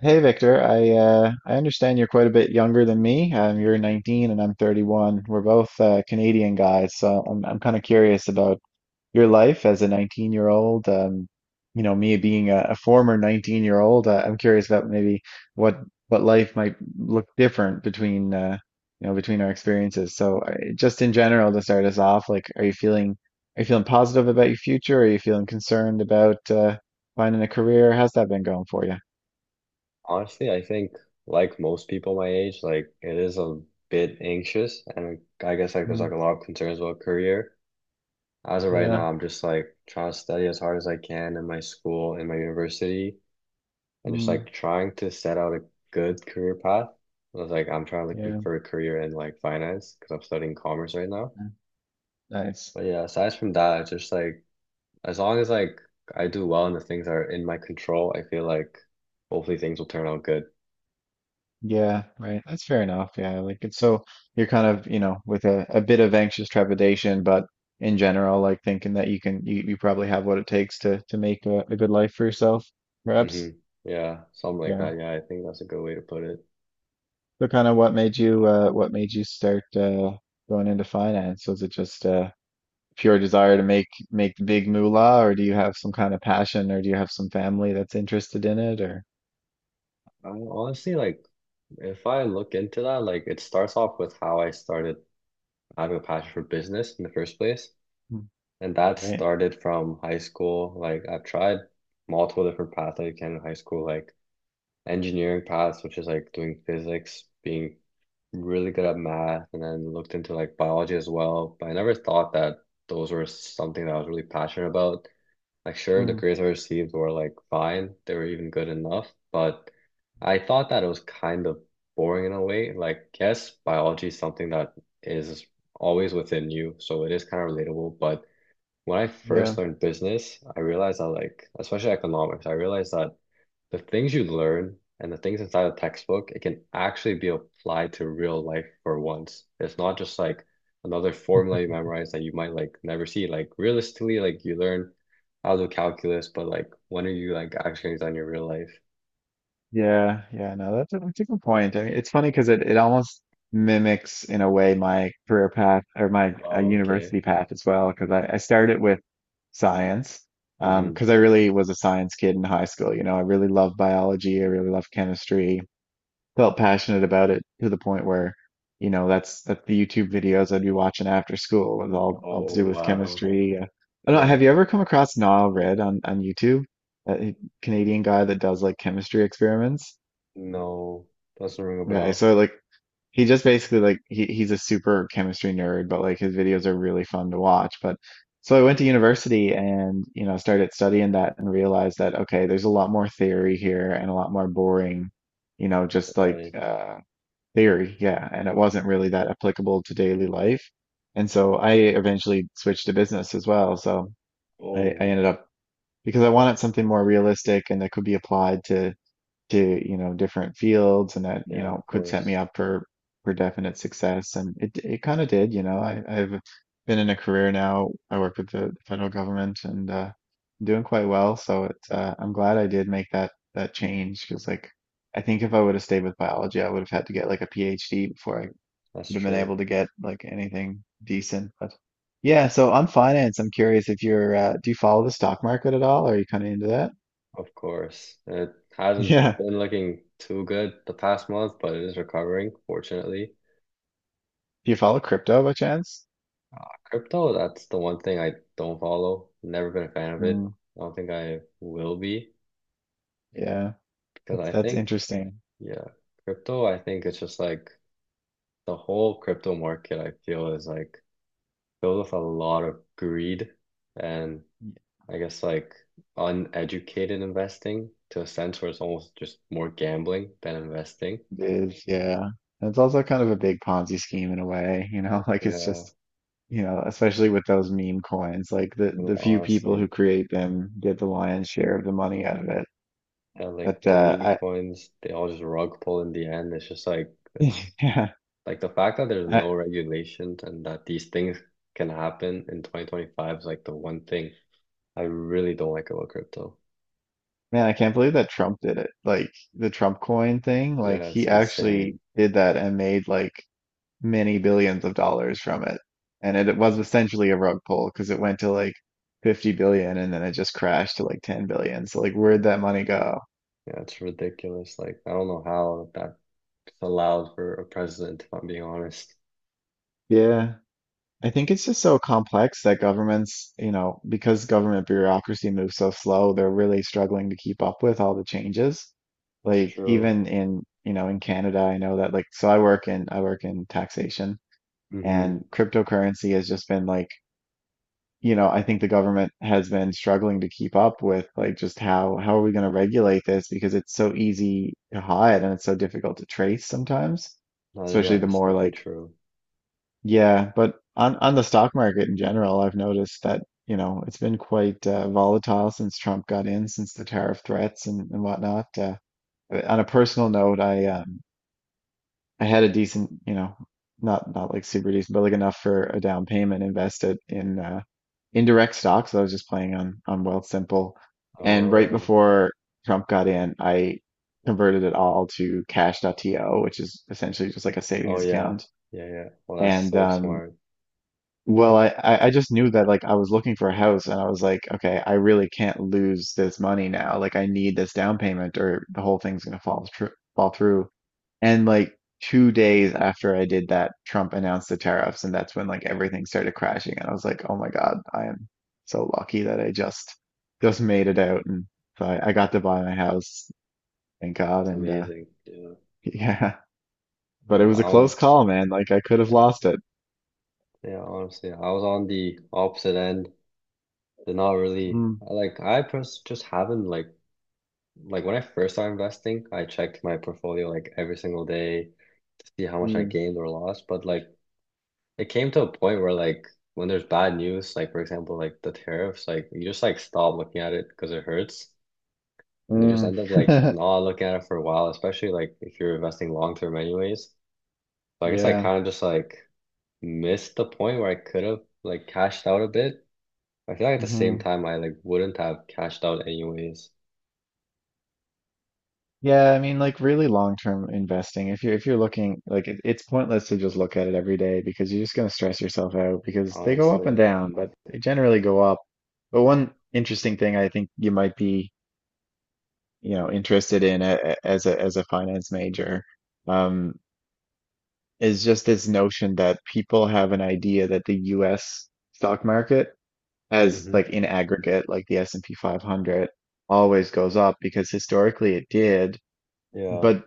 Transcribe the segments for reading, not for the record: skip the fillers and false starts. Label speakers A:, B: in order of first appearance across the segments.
A: Hey Victor, I understand you're quite a bit younger than me. You're 19 and I'm 31. We're both Canadian guys, so I'm kind of curious about your life as a 19-year-old. Me being a former 19-year-old, I'm curious about maybe what what life might look different between you know between our experiences. So just in general, to start us off, like, are you feeling positive about your future? Are you feeling concerned about finding a career? How's that been going for you?
B: Honestly, I think like most people my age, like it is a bit anxious and I guess like there's like
A: Mm.
B: a lot of concerns about career. As of right
A: Yeah.
B: now, I'm just like trying to study as hard as I can in my school, in my university, and just
A: Mm,
B: like trying to set out a good career path. I'm trying like, looking
A: yeah,
B: for a career in like finance because I'm studying commerce right now.
A: yeah, nice.
B: But yeah, aside from that, it's just like as long as like I do well and the things that are in my control, I feel like hopefully things will turn out good.
A: Yeah, right. That's fair enough. Yeah, like it's so you're kind of, with a bit of anxious trepidation, but in general, like thinking that you can, you probably have what it takes to make a good life for yourself,
B: hmm
A: perhaps.
B: Yeah, something like
A: Yeah.
B: that. Yeah, I think that's a good way to put it.
A: So kind of what made you start going into finance? Was it just pure desire to make the big moolah, or do you have some kind of passion, or do you have some family that's interested in it, or?
B: I honestly like if I look into that, like it starts off with how I started having a passion for business in the first place.
A: Mm,
B: And that
A: right?
B: started from high school. Like I've tried multiple different paths that you can in high school, like engineering paths, which is like doing physics, being really good at math, and then looked into like biology as well. But I never thought that those were something that I was really passionate about. Like, sure, the
A: Mm,
B: grades I received were like fine, they were even good enough, but I thought that it was kind of boring in a way. Like, yes, biology is something that is always within you, so it is kind of relatable. But when I first
A: yeah.
B: learned business, I realized that, like, especially economics, I realized that the things you learn and the things inside a textbook, it can actually be applied to real life for once. It's not just like another formula you memorize that you might like never see. Like realistically, like you learn how to do calculus, but like when are you like actually using it in your real life?
A: Yeah, yeah, no, that's a good point. I mean, it's funny because it almost mimics in a way my career path or my
B: Oh, okay.
A: university path as well. Because I started with science,
B: hmm
A: because I really was a science kid in high school. You know, I really loved biology. I really loved chemistry. Felt passionate about it to the point where, that's the YouTube videos I'd be watching after school was all to
B: Oh,
A: do with
B: wow.
A: chemistry. I don't know.
B: Yeah.
A: Have you ever come across Niall Red on YouTube? That Canadian guy that does like chemistry experiments?
B: No, doesn't ring a
A: Okay,
B: bell.
A: so like he just basically like he's a super chemistry nerd, but like his videos are really fun to watch. But so I went to university and started studying that and realized that okay, there's a lot more theory here and a lot more boring, just like
B: Right.
A: theory, yeah, and it wasn't really that applicable to daily life. And so I eventually switched to business
B: Oh,
A: to different fields and that
B: yeah, of
A: could set me
B: course.
A: up for definite success. And it kind of did. I've been in a career now. I work with the federal government and doing quite well. So it's I'm glad I did make that change because like I think if I would have stayed with biology I would have had to get like a PhD before I
B: That's
A: would have been
B: true.
A: able to get like anything decent. But yeah, so on finance I'm curious if you're do you follow the stock market at all? Are you kind of into that?
B: Of course. It hasn't
A: Yeah.
B: been looking too good the past month, but it is recovering, fortunately.
A: Do you follow crypto by chance?
B: Crypto, that's the one thing I don't follow. Never been a fan of it.
A: Mm,
B: I don't think I will be
A: yeah,
B: because
A: that's that's interesting.
B: yeah, crypto, I think it's just like the whole crypto market, I feel is like filled with a lot of greed and I guess like uneducated investing to a sense where it's almost just more gambling than investing.
A: It is, yeah. And it's also kind of a big Ponzi scheme in a way, like it's
B: Yeah,
A: just, especially with those meme coins, like the
B: well,
A: the few people
B: honestly.
A: who create them get the lion's share of the money out of it.
B: And like
A: But
B: the meme
A: I
B: coins, they all just rug pull in the end. It's just like that's
A: yeah,
B: like the fact that there's
A: I
B: no regulations and that these things can happen in 2025 is like the one thing I really don't like about crypto.
A: man, I can't believe that Trump did it. Like the Trump coin thing, like
B: Yeah, it's
A: he
B: insane.
A: actually did that and made like many billions of dollars from it. And it was essentially a rug pull because it went to like 50 billion and then it just crashed to like 10 billion. So like
B: Yeah,
A: where'd that money go?
B: yeah, it's ridiculous. Like I don't know how that's allowed for a president, if I'm being honest.
A: Yeah. I think it's just so complex that governments, because government bureaucracy moves so slow, they're really struggling to keep up with all the changes.
B: That's
A: Like
B: true.
A: even in Canada, I know that like so I work in taxation
B: Mm-hmm.
A: and cryptocurrency has just been like I think the government has been struggling to keep up with like just how are we going to regulate this because it's so easy to hide and it's so difficult to trace sometimes,
B: Yeah,
A: especially the
B: that's
A: more
B: definitely
A: like
B: true.
A: yeah, but on the stock market in general, I've noticed that, it's been quite volatile since Trump got in, since the tariff threats and whatnot. On a personal note, I had a decent, not like super decent, but like enough for a down payment invested in indirect stocks. I was just playing on Wealthsimple. And right
B: Oh,
A: before Trump got in, I converted it all to Cash. Dot To, which is essentially just like a
B: oh
A: savings
B: yeah,
A: account.
B: yeah, yeah. Well, that's
A: And
B: so smart.
A: well, I just knew that like I was looking for a house and I was like, okay, I really can't lose this money now. Like I need this down payment or the whole thing's gonna fall through. And like 2 days after I did that, Trump announced the tariffs and that's when like everything started crashing and I was like, oh my God, I am so lucky that I just made it out. And so I got to buy my house, thank God.
B: That's
A: And
B: amazing. Yeah.
A: Yeah. But
B: No,
A: it was a close
B: I'm
A: call, man. Like I could have
B: yeah,
A: lost it.
B: yeah, honestly, I was on the opposite end. They're not really
A: Mm.
B: like I pers just haven't like when I first started investing, I checked my portfolio like every single day to see how much I
A: Mm.
B: gained or lost. But like it came to a point where like when there's bad news, like for example, like the tariffs, like you just like stop looking at it because it hurts. And you just
A: Mm.
B: end up like not looking at it for a while, especially like if you're investing long term anyways. So I guess I
A: Yeah.
B: kind of just like missed the point where I could have like cashed out a bit. I feel like at the same
A: Hmm.
B: time I like wouldn't have cashed out anyways,
A: Yeah, I mean, like really long-term investing. If you're looking, it's pointless to just look at it every day because you're just going to stress yourself out because they go up and
B: honestly.
A: down, but they generally go up. But one interesting thing I think you might be, interested in a- as a as a finance major, um, is just this notion that people have an idea that the U.S. stock market, as
B: hmm
A: like in aggregate, like the S&P 500, always goes up because historically it did.
B: Yeah,
A: But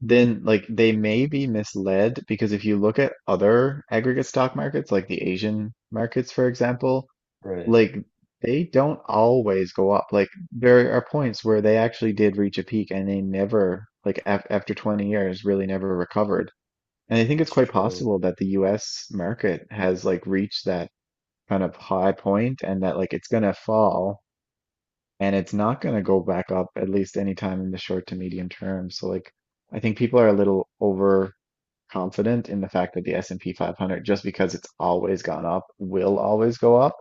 A: then like they may be misled because if you look at other aggregate stock markets, like the Asian markets, for example,
B: right.
A: like they don't always go up. Like there are points where they actually did reach a peak and they never, like af after 20 years, really never recovered. And I think it's
B: That's
A: quite
B: true.
A: possible that the US market has like reached that kind of high point and that like it's gonna fall and it's not going to go back up at least anytime in the short to medium term. So like I think people are a little overconfident in the fact that the S&P 500 just because it's always gone up will always go up.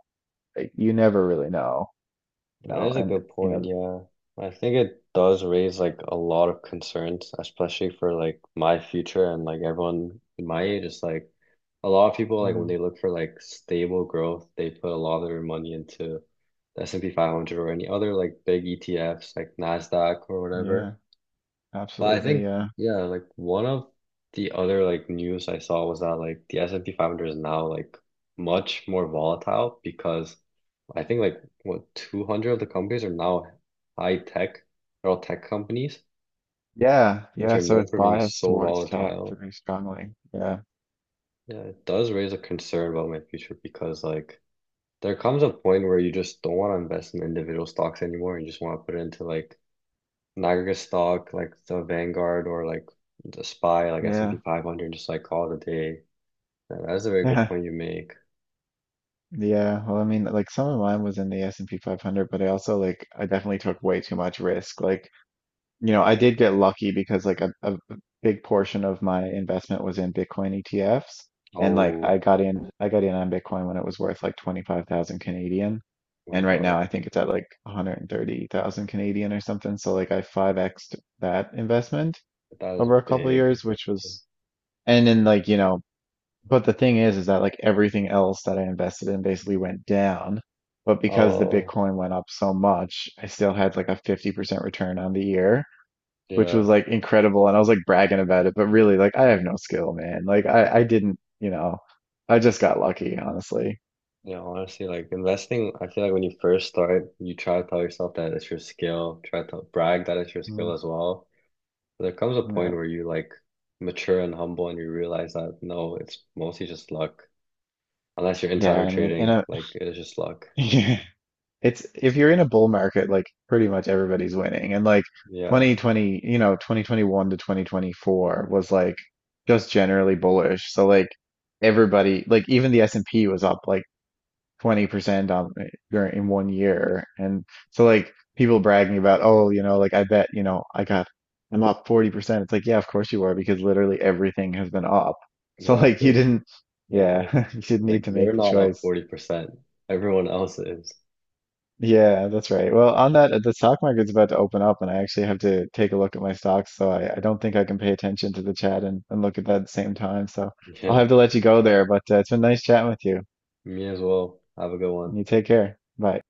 A: Like, you never really know, you
B: That
A: know,
B: is a
A: and
B: good
A: you
B: point,
A: know
B: yeah. I think it does raise like a lot of concerns, especially for like my future and like everyone my age. It's like a lot of people like when they
A: mm,
B: look for like stable growth, they put a lot of their money into the S&P 500 or any other like big ETFs like NASDAQ or
A: yeah,
B: whatever. But I
A: absolutely
B: think,
A: yeah.
B: yeah, like one of the other like news I saw was that like the S&P 500 is now like much more volatile because I think like what 200 of the companies are now high tech, they're all tech companies,
A: Yeah,
B: which
A: yeah,
B: are
A: so
B: known
A: it's
B: for being
A: biased
B: so
A: towards tech
B: volatile.
A: very strongly. Yeah.
B: Yeah, it does raise a concern about my future because like there comes a point where you just don't want to invest in individual stocks anymore. You just want to put it into like Niagara stock, like the Vanguard or like the SPY, like S&P
A: Yeah.
B: 500, just like call it a day. Yeah, that's a very good
A: Yeah.
B: point you make.
A: Yeah, well, I mean, like some of mine was in the S&P 500, but I also like I definitely took way too much risk. Like I did get lucky because like a big portion of my investment was in Bitcoin ETFs. And like I
B: Oh
A: got in I got in on Bitcoin when it was worth like 25,000 Canadian.
B: my
A: And right
B: God,
A: now I think it's at like 130,000 Canadian or something. So like I 5X'd that investment
B: that was
A: over a couple of
B: big.
A: years, which was and then like, but the thing is that like everything else that I invested in basically went down. But because the
B: Oh,
A: Bitcoin went up so much, I still had like a 50% return on the year which
B: yeah.
A: was like incredible. And I was like bragging about it, but really, like, I have no skill, man. Like, I didn't, I just got lucky, honestly.
B: Yeah, honestly, like investing, I feel like when you first start, you try to tell yourself that it's your skill, try to brag that it's your
A: Mm,
B: skill as well. But there comes a point
A: yeah.
B: where you like mature and humble and you realize that no, it's mostly just luck. Unless you're
A: Yeah,
B: insider
A: I mean,
B: trading, like it's just luck.
A: yeah, if you're in a bull market, like, pretty much everybody's winning. And like
B: Yeah.
A: 2020, 2021 to 2024 was like just generally bullish. So like everybody, like even the S&P was up like 20% in one year. And so like people bragging about, oh, like I bet, I'm up 40%. It's like, yeah, of course you are because literally everything has been up. So like you
B: Exactly.
A: didn't
B: Yeah, like
A: yeah, you didn't
B: like
A: need to
B: you're
A: make the
B: not up
A: choice.
B: 40%. Everyone else is.
A: Yeah, that's right. Well, on that, the stock market's about to open up, and I actually have to take a look at my stocks, so I don't think I can pay attention to the chat and look at that at the same time. So I'll
B: Yeah,
A: have to let you go there, but it's been nice chatting with you.
B: me as well. Have a good one.
A: You take care. Bye.